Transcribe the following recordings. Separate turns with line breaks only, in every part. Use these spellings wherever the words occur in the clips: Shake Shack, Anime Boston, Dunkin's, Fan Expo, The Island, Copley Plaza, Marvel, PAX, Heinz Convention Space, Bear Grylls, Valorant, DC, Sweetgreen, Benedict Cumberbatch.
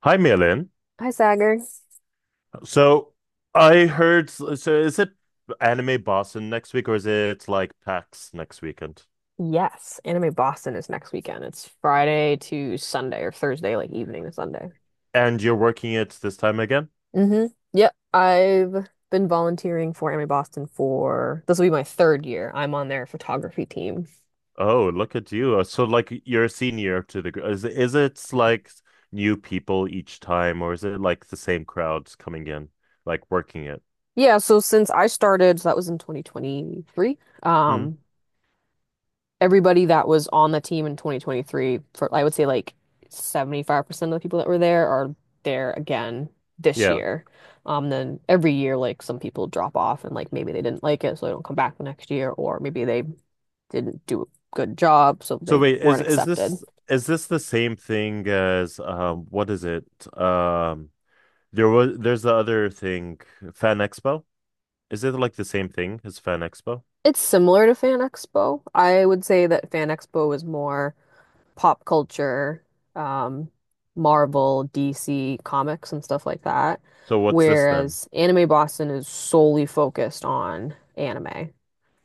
Hi, Milan.
Hi, Sagar.
So so is it Anime Boston next week or is it like PAX next weekend?
Yes, Anime Boston is next weekend. It's Friday to Sunday or Thursday, like evening to Sunday.
And you're working it this time again?
Hmm Yep, I've been volunteering for Anime Boston for this will be my third year. I'm on their photography team.
Oh, look at you. So like you're a senior to is it like new people each time or is it like the same crowds coming in, like working it?
Yeah, so since I started, so that was in 2023.
Mm,
Everybody that was on the team in 2023 for I would say like 75% of the people that were there are there again this
yeah.
year. Then every year like some people drop off and like maybe they didn't like it so they don't come back the next year or maybe they didn't do a good job so
So
they
wait, is
weren't
is
accepted.
this is this the same thing as what is it? Um there's the other thing, Fan Expo? Is it like the same thing as Fan Expo?
It's similar to Fan Expo. I would say that Fan Expo was more pop culture, um, Marvel, DC comics and stuff like that.
So what's this then?
Whereas Anime Boston is solely focused on anime,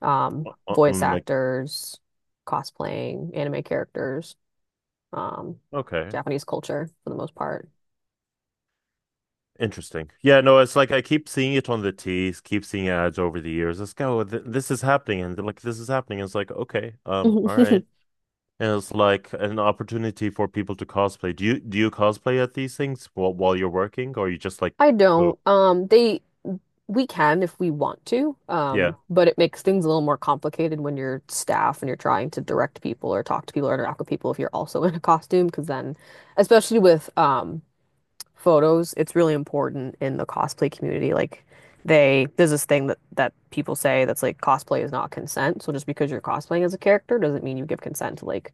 voice
Like
actors, cosplaying, anime characters, um,
okay,
Japanese culture for the most part.
interesting. Yeah, no, it's like I keep seeing it on the tees, keep seeing ads over the years. Let's go, th this is happening, and they're like this is happening. It's like okay, all right. And it's like an opportunity for people to cosplay. Do you cosplay at these things while you're working, or you just like
I
go?
don't. They We can if we want to,
Yeah,
but it makes things a little more complicated when you're staff and you're trying to direct people or talk to people or interact with people if you're also in a costume, because then, especially with photos, it's really important in the cosplay community. Like there's this thing that people say that's like cosplay is not consent. So just because you're cosplaying as a character doesn't mean you give consent to like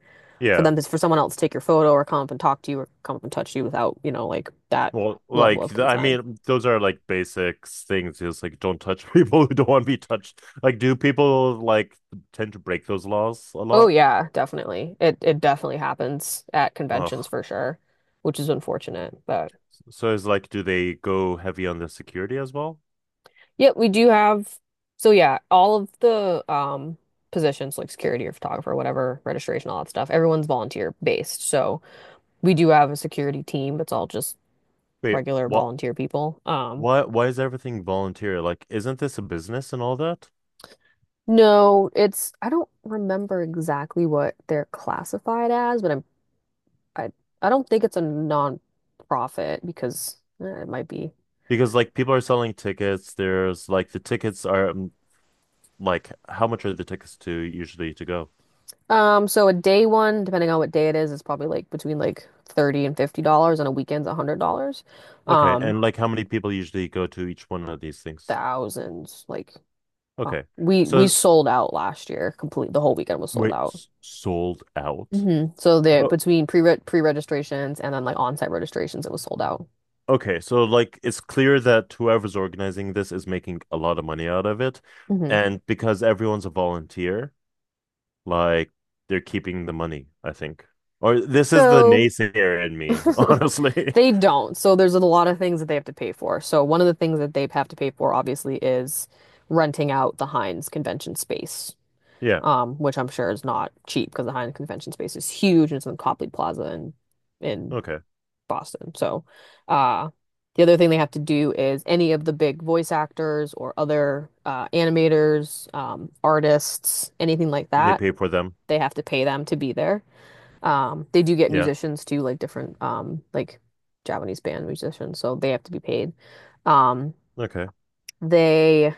yeah.
for someone else to take your photo or come up and talk to you or come up and touch you without, you know, like that
Well,
level
like
of
I
consent.
mean, those are like basic things. Just like don't touch people who don't want to be touched. Like, do people like tend to break those laws a
Oh
lot?
yeah, definitely. It definitely happens at conventions
Ugh.
for sure, which is unfortunate. But
So is like, do they go heavy on the security as well?
yeah, we do have all of the positions like security or photographer, whatever, registration, all that stuff, everyone's volunteer based. So we do have a security team. It's all just
Wait,
regular
what?
volunteer people.
Why? Why is everything volunteer? Like, isn't this a business and all that?
No, it's I don't remember exactly what they're classified as, but I I don't think it's a non-profit because eh, it might be.
Because like people are selling tickets. There's like the tickets are like how much are the tickets to usually to go?
So a day one, depending on what day it is, it's probably like between like 30 and $50 and a weekend's $100.
Okay,
Um,
and like how many people usually go to each one of these things?
thousands like
Okay.
we
So
sold out last year complete the whole weekend was sold
wait,
out.
sold out?
Hmm So there
Oh,
between pre-registrations and then like on-site registrations it was sold out.
okay. So, like, it's clear that whoever's organizing this is making a lot of money out of it.
Hmm
And because everyone's a volunteer, like, they're keeping the money, I think. Or this is the
So
naysayer in me, honestly.
they don't. So there's a lot of things that they have to pay for. So one of the things that they have to pay for obviously is renting out the Heinz convention space.
Yeah.
Um, which I'm sure is not cheap because the Heinz Convention Space is huge and it's in Copley Plaza in in
Okay.
Boston. So, uh, the other thing they have to do is any of the big voice actors or other animators, artists, anything like
They
that,
pay for them.
they have to pay them to be there. They do get
Yeah.
musicians too, like different like Japanese band musicians, so they have to be paid. Um,
Okay.
they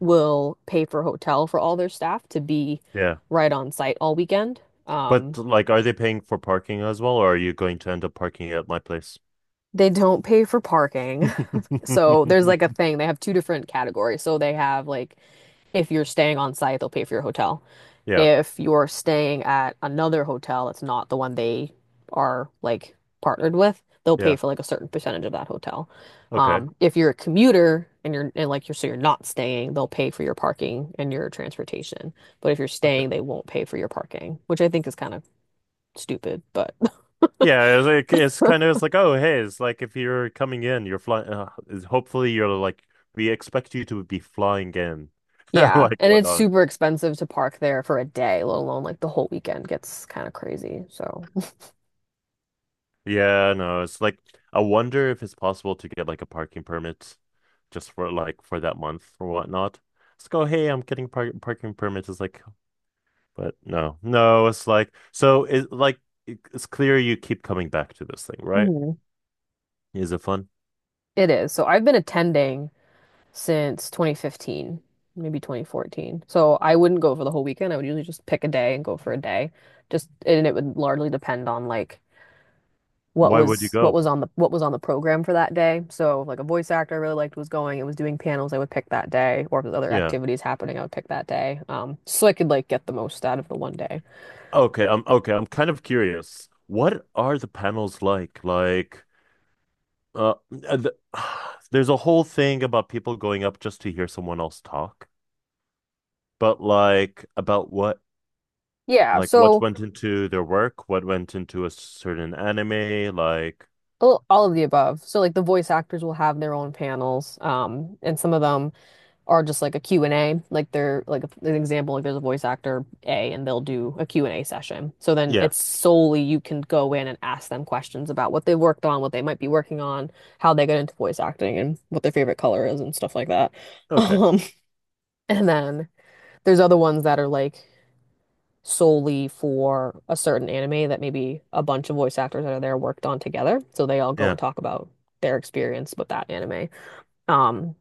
will pay for hotel for all their staff to be
Yeah.
right on site all weekend.
But, like, are they paying for parking as well, or are you going to end up parking at my place?
They don't pay for parking. So there's like a thing. They have two different categories. So they have like if you're staying on site, they'll pay for your hotel.
Yeah.
If you're staying at another hotel that's not the one they are like partnered with, they'll pay
Yeah.
for like a certain percentage of that hotel.
Okay.
If you're a commuter and you're and like you're so you're not staying, they'll pay for your parking and your transportation. But if you're
Okay.
staying, they won't pay for your parking, which I think is kind of stupid, but
Yeah, it's like it's kind of it's like oh hey, it's like if you're coming in, you're flying. Hopefully, you're like we expect you to be flying in,
yeah.
like
And it's
whatnot.
super expensive to park there for a day, let alone like the whole weekend gets kind of crazy. So
Yeah, no, it's like I wonder if it's possible to get like a parking permit, just for like for that month or whatnot. Let's go. Hey, I'm getting parking permit. It's like, but no, no, it's like so. It's clear you keep coming back to this thing, right?
Mhm.
Is it fun?
It is. So I've been attending since 2015, maybe 2014. So I wouldn't go for the whole weekend. I would usually just pick a day and go for a day. Just and It would largely depend on like
Why would you go?
what was on the program for that day. So if, like a voice actor I really liked was going and was doing panels, I would pick that day, or if there's other
Yeah.
activities happening, I would pick that day. So I could like get the most out of the one day.
Okay, I'm kind of curious. What are the panels like? Like, uh, uh, the, there's a whole thing about people going up just to hear someone else talk, but like about what,
Yeah,
like what
so
went into their work, what went into a certain anime, like,
all of the above. So like the voice actors will have their own panels, and some of them are just like a Q and A, like they're like an example, like there's a voice actor A and they'll do a Q and A session, so then
yeah,
it's solely you can go in and ask them questions about what they worked on, what they might be working on, how they got into voice acting and what their favorite color is and stuff like that.
okay,
Um, and then there's other ones that are like solely for a certain anime that maybe a bunch of voice actors that are there worked on together, so they all go
yeah.
and talk about their experience with that anime. Um,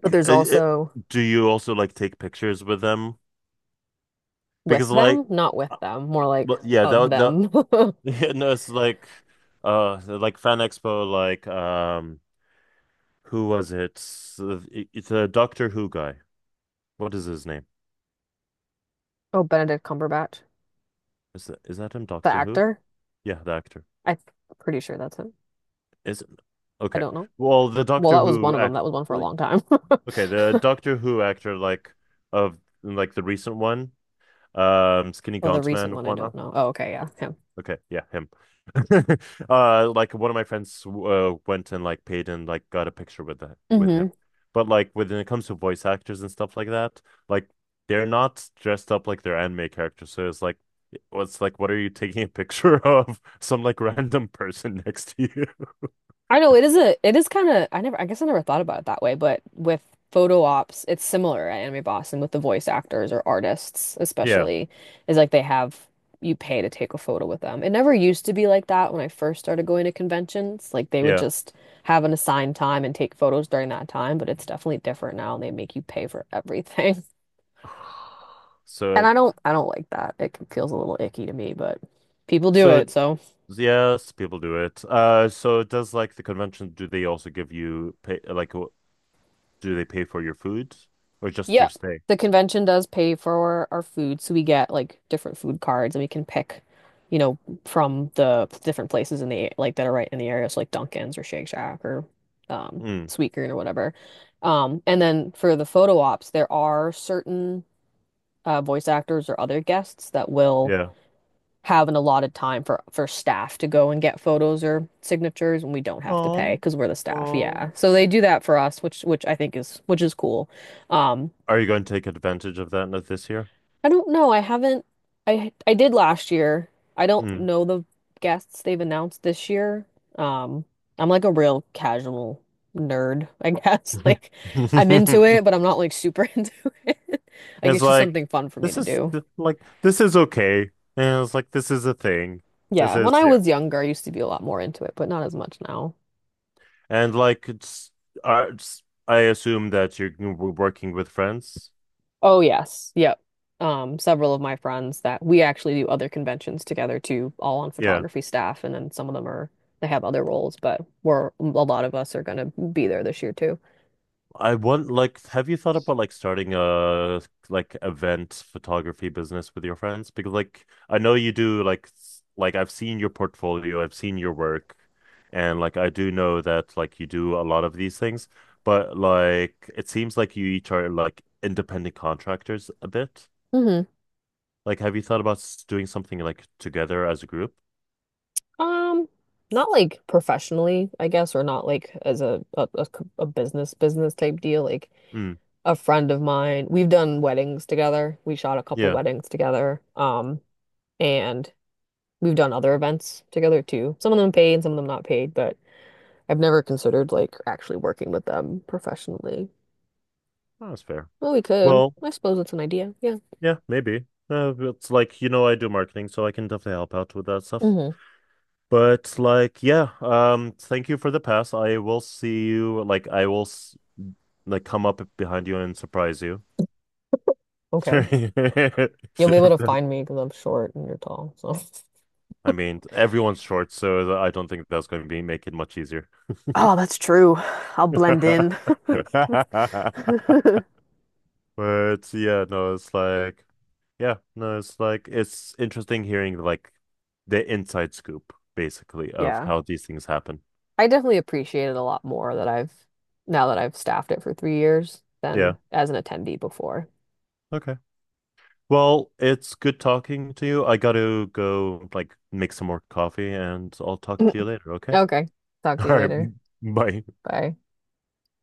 but there's also
do you also like take pictures with them?
with
Because like,
them? Not with
uh,
them, more like
well, yeah,
of
that
them.
that no, it's like Fan Expo, like. Who was it? It's a Doctor Who guy. What is his name?
Oh, Benedict Cumberbatch,
Is that him?
the
Doctor Who?
actor.
Yeah, the actor.
I'm pretty sure that's him.
Is it?
I
Okay.
don't know.
Well, the
Well,
Doctor
that was
Who
one of them.
act.
That was one for a
Well,
long time.
Okay, the Doctor Who actor, like of like the recent one, Skinny
Oh, the
Gaunt
recent
Man,
one, I don't
whatnot.
know. Oh, okay, yeah, him.
Okay, yeah, him. Like one of my friends went and like paid and like got a picture with him.
Hmm
But like when it comes to voice actors and stuff like that, like they're not dressed up like their anime characters. So it's like, what's like, what are you taking a picture of some like random person next to you?
I know, it is a it is kind of, I never, I guess I never thought about it that way, but with photo ops, it's similar at Anime Boston with the voice actors or artists
Yeah,
especially is like they have you pay to take a photo with them. It never used to be like that when I first started going to conventions. Like they would
yeah.
just have an assigned time and take photos during that time, but it's definitely different now and they make you pay for everything. And
So,
I don't like that. It feels a little icky to me, but people do
so
it, so
yes, people do it. So does like the convention? Do they also give you pay? Like, do they pay for your food or just
yeah,
your stay?
the convention does pay for our food, so we get like different food cards and we can pick, you know, from the different places in the like that are right in the area, so like Dunkin's or Shake Shack or
Mm,
Sweetgreen or whatever. And then for the photo ops, there are certain voice actors or other guests that will
yeah.
have an allotted time for staff to go and get photos or signatures, and we don't have to pay
Oh,
because we're the staff. Yeah,
oh.
so they do that for us, which I think is which is cool. Um,
Are you going to take advantage of that not this year?
I don't know. I haven't. I did last year. I don't
Mm.
know the guests they've announced this year. Um, I'm like a real casual nerd, I guess. Like I'm into it, but I'm not like super into it. Like
It's
it's just
like
something fun for me to do.
like this is okay, and it's like this is a thing. This
Yeah, when
is
I
yeah,
was younger, I used to be a lot more into it, but not as much now.
and like it's I assume that you're working with friends.
Oh yes, yep. Several of my friends that we actually do other conventions together too, all on
Yeah.
photography staff, and then some of them are they have other roles, but we're a lot of us are going to be there this year too.
I want Like have you thought about like starting a like event photography business with your friends? Because like I know you do like like I've seen your portfolio, I've seen your work, and like I do know that like you do a lot of these things, but like it seems like you each are like independent contractors a bit.
Hmm
Like have you thought about doing something like together as a group?
Um, Not like professionally, I guess, or not like as a a business business type deal. Like
Mm,
a friend of mine, we've done weddings together. We shot a couple
yeah.
weddings together. And we've done other events together too. Some of them paid, some of them not paid, I've never considered like actually working with them professionally.
Oh, that's fair.
Well, we could.
Well,
I suppose it's an idea. Yeah.
yeah, maybe. It's like you know I do marketing, so I can definitely help out with that stuff.
hmm
But like, yeah, thank you for the pass. I will see you. Like, I will s like come up behind you and surprise you.
Okay.
If
You'll be able to
that-
find me because I'm short and you're tall. So,
I mean, everyone's short, so I don't think that's going to be make it much easier.
oh, that's true. I'll blend in.
But yeah, no, it's like, yeah, no, it's like it's interesting hearing like the inside scoop, basically, of
Yeah.
how these things happen.
I definitely appreciate it a lot more that I've now that I've staffed it for 3 years
Yeah.
than as an attendee before.
Okay. Well, it's good talking to you. I gotta go like make some more coffee and I'll talk to you later, okay?
Okay. Talk
All
to you
right.
later.
Bye.
Bye.